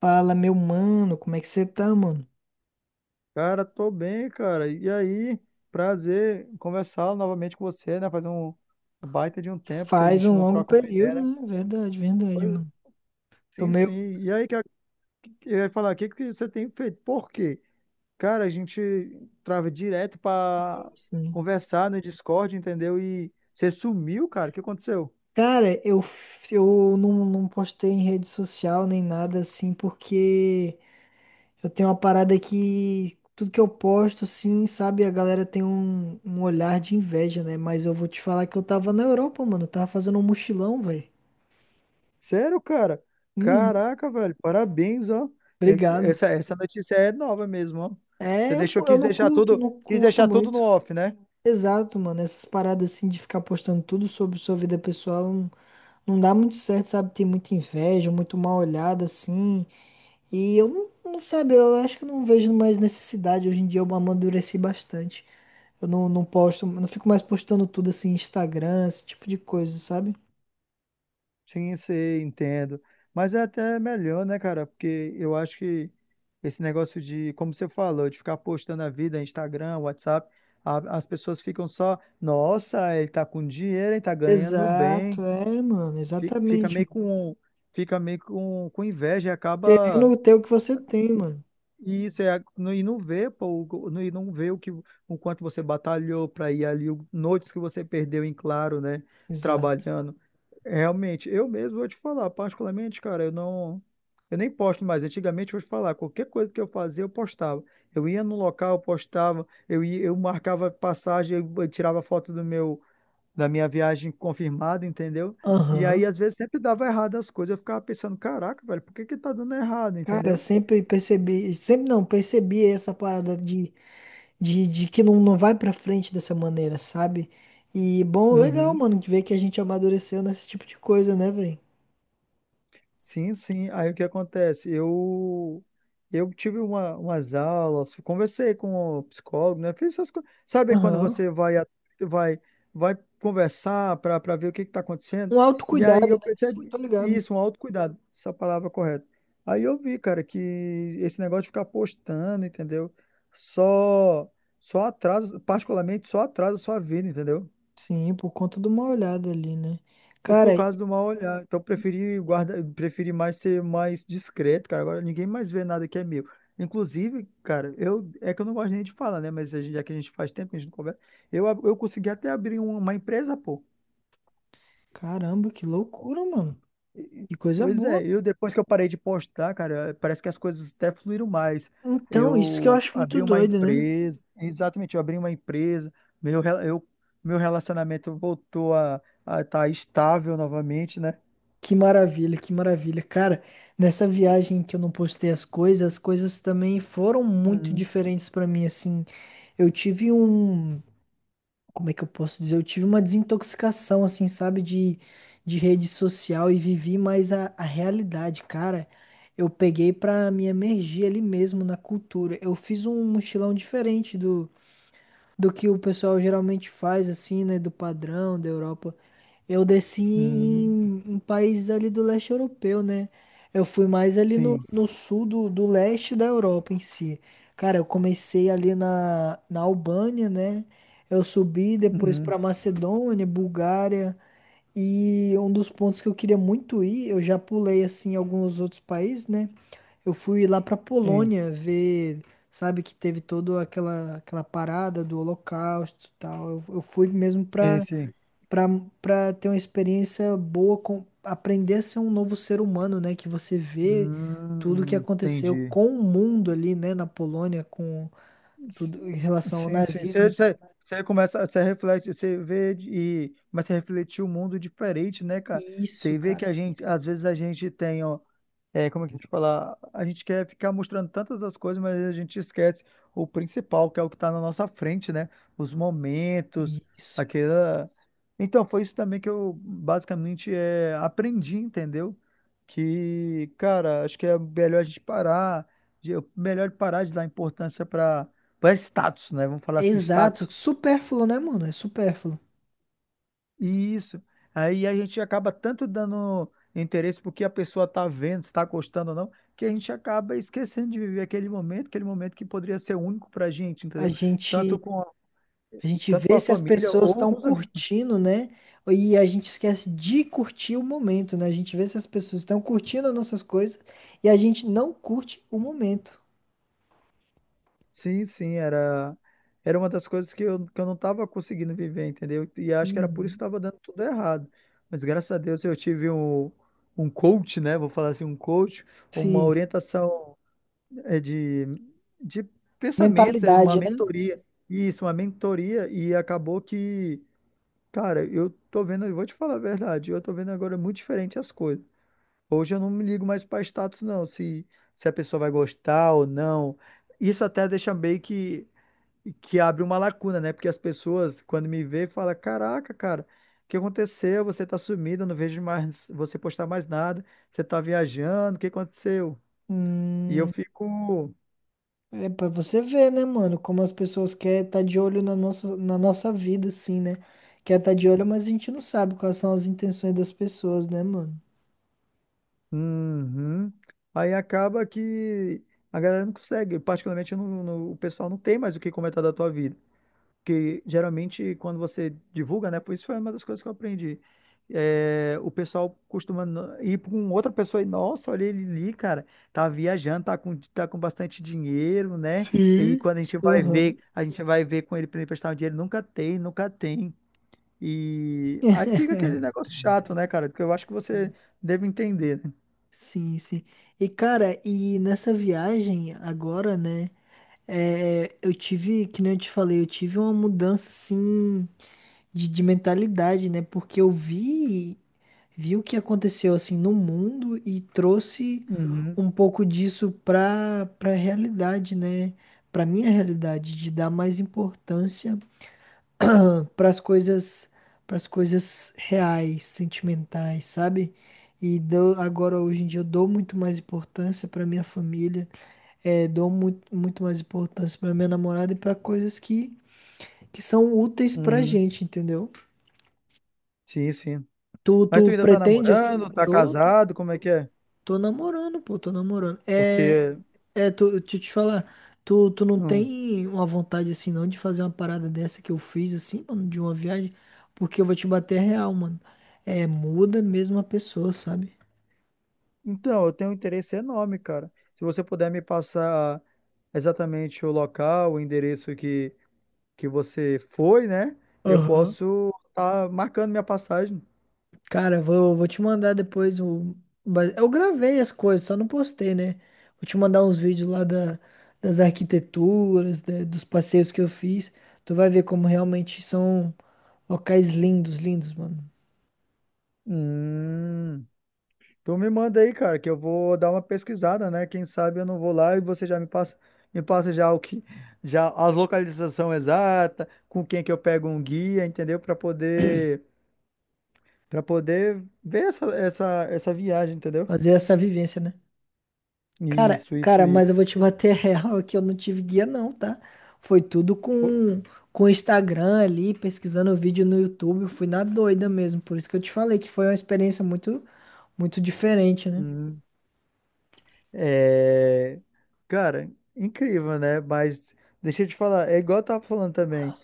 Fala, meu mano, como é que você tá, mano? Cara, tô bem, cara. E aí, prazer conversar novamente com você, né? Faz um baita de um tempo que a Faz gente um não longo troca uma período, ideia, né? né? Verdade, verdade, Pois, mano. Tô sim, sim. meio E aí, que eu ia falar, o que que você tem feito? Por quê? Cara, a gente trava direto pra assim. conversar no Discord, entendeu? E você sumiu, cara. O que aconteceu? Cara, eu não postei em rede social nem nada assim, porque eu tenho uma parada que tudo que eu posto, assim, sabe, a galera tem um olhar de inveja, né? Mas eu vou te falar que eu tava na Europa, mano. Eu tava fazendo um mochilão, velho. Sério, cara? Uhum, Caraca, velho. Parabéns, ó. É- obrigado. essa notícia é nova mesmo, ó. Você deixou, Eu não curto, não quis curto deixar tudo no muito. off, né? Exato, mano. Essas paradas assim de ficar postando tudo sobre sua vida pessoal não dá muito certo, sabe? Tem muita inveja, muito mal olhada assim. E eu não, não sabe, eu acho que eu não vejo mais necessidade. Hoje em dia eu amadureci bastante. Eu não, não posto, não fico mais postando tudo assim, Instagram, esse tipo de coisa, sabe? Sim, sei, entendo. Mas é até melhor, né, cara? Porque eu acho que esse negócio de, como você falou, de ficar postando a vida, Instagram, WhatsApp, as pessoas ficam só, nossa, ele tá com dinheiro, ele tá ganhando Exato, bem. é, mano. Fi- Fica Exatamente. meio Mano. com, fica meio com inveja e acaba. Querendo ter o que você tem, mano. E isso é e não vê, pô, e não vê o que o quanto você batalhou para ir ali, o- noites que você perdeu em claro, né, Exato. trabalhando. Realmente, eu mesmo vou te falar, particularmente, cara, eu nem posto mais. Antigamente eu vou te falar, qualquer coisa que eu fazia, eu postava. Eu ia no local, eu postava, eu ia, eu marcava passagem, eu tirava foto do meu da minha viagem confirmada, entendeu? E aí Aham. às vezes sempre dava errado as coisas, eu ficava pensando, caraca, velho, por que que tá dando errado, Cara, entendeu? sempre percebi, sempre não, percebi essa parada de de que não vai pra frente dessa maneira, sabe? E bom, legal, Uhum. mano, de ver que a gente amadureceu nesse tipo de coisa, né, velho? Sim, sim. Aí o que acontece? Eu tive umas aulas, conversei com o psicólogo, né? Fiz essas coisas. Sabe quando Aham. você vai a- vai vai conversar para ver o que está acontecendo? Um E aí autocuidado, eu né? Sim, percebi tô ligado. isso, um autocuidado, essa palavra correta. Aí eu vi, cara, que esse negócio de ficar postando, entendeu? Só só atrasa, particularmente só atrasa a sua vida, entendeu? Sim, por conta de uma olhada ali, né? Ou por Cara, causa do mal olhar. Então, eu preferi guarda, preferi mais ser mais discreto, cara. Agora ninguém mais vê nada que é meu. Inclusive, cara, eu é que eu não gosto nem de falar, né? Mas já que a gente faz tempo, que a gente não conversa. Eu consegui até abrir uma empresa, pô. caramba, que loucura, mano. Que coisa Pois boa. é, eu depois que eu parei de postar, cara, parece que as coisas até fluíram mais. Então, isso que eu Eu acho muito abri uma doido, né? empresa, exatamente, eu abri uma empresa, meu, rela- eu, meu relacionamento voltou a estar estável novamente, né? Que maravilha, que maravilha. Cara, nessa viagem que eu não postei as coisas também foram muito Uhum. diferentes pra mim, assim. Eu tive um. Como é que eu posso dizer? Eu tive uma desintoxicação, assim, sabe, de rede social e vivi mais a realidade, cara. Eu peguei pra me emergir ali mesmo na cultura. Eu fiz um mochilão diferente do que o pessoal geralmente faz, assim, né? Do padrão da Europa. Eu desci Uhum. Em países ali do leste europeu, né? Eu fui mais ali Sim. no sul do leste da Europa em si. Cara, eu comecei ali na Albânia, né? Eu subi depois Uhum. pra Macedônia, Bulgária. E um dos pontos que eu queria muito ir, eu já pulei assim em alguns outros países, né? Eu fui lá pra Sim, Polônia ver, sabe, que teve toda aquela, aquela parada do Holocausto e tal. Eu fui mesmo sim, sim. pra, pra ter uma experiência boa, com, aprender a ser um novo ser humano, né? Que você vê tudo que aconteceu Entendi. com o mundo ali, né, na Polônia, com tudo em relação ao Sim, sim. Você, nazismo. você, você começa, você reflete, você vê e mas você refletir o mundo diferente, né, cara? Isso, Você vê que cara, a gente, às vezes a gente tem, ó, é, como é que eu te falar? A gente quer ficar mostrando tantas as coisas, mas a gente esquece o principal, que é o que está na nossa frente, né? Os momentos, isso. aquela. Então, foi isso também que eu basicamente aprendi, entendeu? Que, cara, acho que é melhor a gente parar, melhor parar de dar importância para status, né? Vamos falar É assim, exato, status. supérfluo, né, mano? É supérfluo. Isso. Aí a gente acaba tanto dando interesse porque a pessoa está vendo, se está gostando ou não, que a gente acaba esquecendo de viver aquele momento que poderia ser único para a gente, A entendeu? gente. Tanto com a, A gente tanto com vê a se as família pessoas ou estão com os amigos. curtindo, né? E a gente esquece de curtir o momento, né? A gente vê se as pessoas estão curtindo as nossas coisas e a gente não curte o momento. Sim, sim, era, era uma das coisas que eu não estava conseguindo viver, entendeu? E acho que era por isso que Uhum. estava dando tudo errado. Mas graças a Deus eu tive um coach, né? Vou falar assim, um coach, uma Sim. orientação é de, de pensamentos, é uma Mentalidade, né? mentoria. Isso, uma mentoria. E acabou que, cara, eu tô vendo, eu vou te falar a verdade, eu tô vendo agora muito diferente as coisas. Hoje eu não me ligo mais para status, se a pessoa vai gostar ou não. Isso até deixa meio que abre uma lacuna, né? Porque as pessoas, quando me vê, falam: Caraca, cara, o que aconteceu? Você tá sumido, eu não vejo mais você postar mais nada, você tá viajando, o que aconteceu? E eu Hum, fico. é pra você ver, né, mano? Como as pessoas querem estar de olho na nossa vida, assim, né? Quer estar de olho, mas a gente não sabe quais são as intenções das pessoas, né, mano? Uhum. Aí acaba que a galera não consegue, particularmente eu não- não- o pessoal não tem mais o que comentar da tua vida, porque geralmente quando você divulga, né, foi uma das coisas que eu aprendi. É, o pessoal costuma ir com outra pessoa e, nossa, olha ele ali, cara, tá viajando, tá com bastante dinheiro, né? E Sim. quando a gente vai ver, Uhum. a gente vai ver com ele para emprestar um dinheiro, nunca tem, nunca tem. E aí fica aquele negócio chato, né, cara? Porque eu acho que você deve entender, né? Sim, sim. E cara, e nessa viagem agora, né? É, eu tive, que nem eu te falei, eu tive uma mudança assim de mentalidade, né? Porque eu vi, vi o que aconteceu assim no mundo e trouxe Uhum. um pouco disso pra para realidade, né? Pra minha realidade, de dar mais importância para as coisas, para as coisas reais, sentimentais, sabe? E dou, agora hoje em dia eu dou muito mais importância para minha família, eh, dou muito mais importância para minha namorada e para coisas que são úteis pra Uhum. gente, entendeu? Sim, sim. Tu, Mas tu tu ainda tá pretende assim? namorando, tá Tô, tô. casado, como é que é? Tô namorando, pô, tô namorando. É, Porque, é, tô, deixa eu te falar, tu não hum. tem uma vontade assim não de fazer uma parada dessa que eu fiz assim, mano, de uma viagem, porque eu vou te bater real, mano. É, muda mesmo a pessoa, sabe? Então, eu tenho um interesse enorme, cara. Se você puder me passar exatamente o local, que você foi, né? Eu Aham. posso estar marcando minha passagem. Cara, vou te mandar depois o. Mas eu gravei as coisas, só não postei, né? Vou te mandar uns vídeos lá da, das arquiteturas, dos passeios que eu fiz. Tu vai ver como realmente são locais lindos, lindos, mano. Hum. Tu me manda aí, cara, que eu vou dar uma pesquisada, né? Quem sabe eu não vou lá e você já me passa já as localização exata, com quem que eu pego um guia, entendeu? Para poder Pra poder ver essa viagem, entendeu? Fazer essa vivência, né? Cara, Isso, isso, cara, mas isso. eu vou te bater real que eu não tive guia não, tá? Foi tudo Pô, com o Instagram ali, pesquisando vídeo no YouTube, eu fui na doida mesmo. Por isso que eu te falei que foi uma experiência muito muito diferente, né? hum, é, cara, incrível, né? Mas deixa eu te falar, é igual eu tava falando também.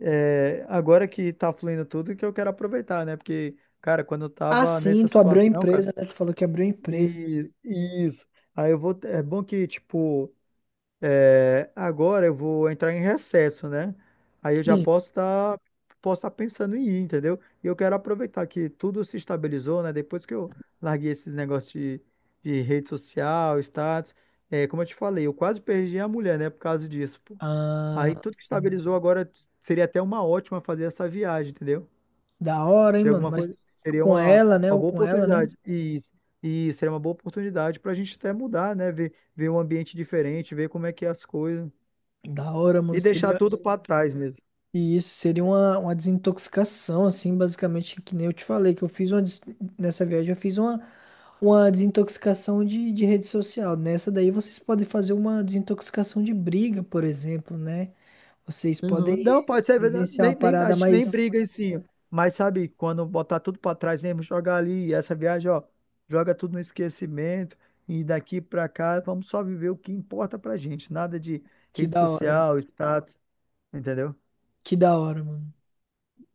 É, agora que tá fluindo tudo, que eu quero aproveitar, né? Porque, cara, quando eu Ah, tava sim, nessa tu abriu a situação, cara, empresa, né? Tu falou que abriu a empresa. e e isso. Aí eu vou. É bom que, tipo. É, agora eu vou entrar em recesso, né? Aí eu já Sim. Posso estar pensando em ir, entendeu? E eu quero aproveitar que tudo se estabilizou, né? Depois que eu larguei esses negócios de rede social, status, é, como eu te falei, eu quase perdi a mulher, né? Por causa disso, pô. Aí Ah, tudo que sim. estabilizou agora seria até uma ótima fazer essa viagem, entendeu? Da hora, hein, Seria mano? alguma Mas coisa, seria com ela, né? uma Ou boa com ela, né? oportunidade. E seria uma boa oportunidade para a gente até mudar, né? Ver um ambiente diferente, ver como é que é as coisas. Da hora, mano. E deixar Seria. tudo para trás mesmo. E isso seria uma desintoxicação, assim, basicamente, que nem eu te falei, que eu fiz uma, nessa viagem eu fiz uma desintoxicação de rede social. Nessa daí vocês podem fazer uma desintoxicação de briga, por exemplo, né? Vocês Uhum. Não, podem pode ser verdade. vivenciar uma Nem, nem, a parada gente nem mais briga em si. Mas sabe, quando botar tudo para trás mesmo, jogar ali, e essa viagem, ó, joga tudo no esquecimento. E daqui para cá, vamos só viver o que importa pra gente. Nada de que rede da hora. social, status, entendeu? Que da hora, mano.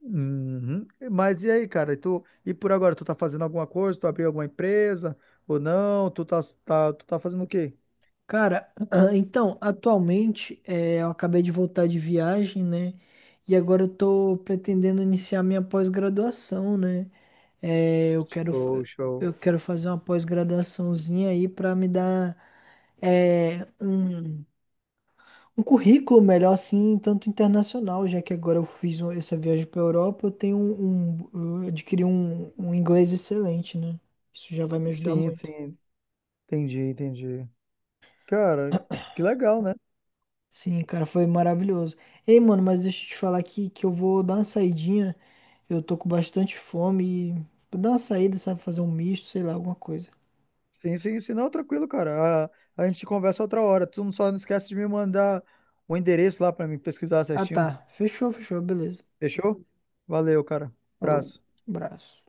Uhum. Mas e aí, cara? E tu, e por agora, tu tá fazendo alguma coisa? Tu abriu alguma empresa ou não? Tu tá fazendo o quê? Cara, então, atualmente, é, eu acabei de voltar de viagem, né? E agora eu tô pretendendo iniciar minha pós-graduação, né? É, eu quero, Show, show. eu quero fazer uma pós-graduaçãozinha aí para me dar é, um currículo melhor, assim, tanto internacional, já que agora eu fiz essa viagem para Europa, eu tenho eu adquiri um inglês excelente, né? Isso já vai me ajudar Sim, muito. sim. Entendi, entendi. Cara, que legal, né? Sim, cara, foi maravilhoso. Ei, mano, mas deixa eu te falar aqui que eu vou dar uma saidinha. Eu tô com bastante fome e vou dar uma saída, sabe? Fazer um misto, sei lá, alguma coisa. Sim, sim, sim. Não, tranquilo, cara. A gente conversa outra hora. Tu não esquece de me mandar o endereço lá pra mim pesquisar Ah, certinho. tá. Fechou, fechou, beleza. Fechou? Valeu, cara. Falou, Abraço. abraço.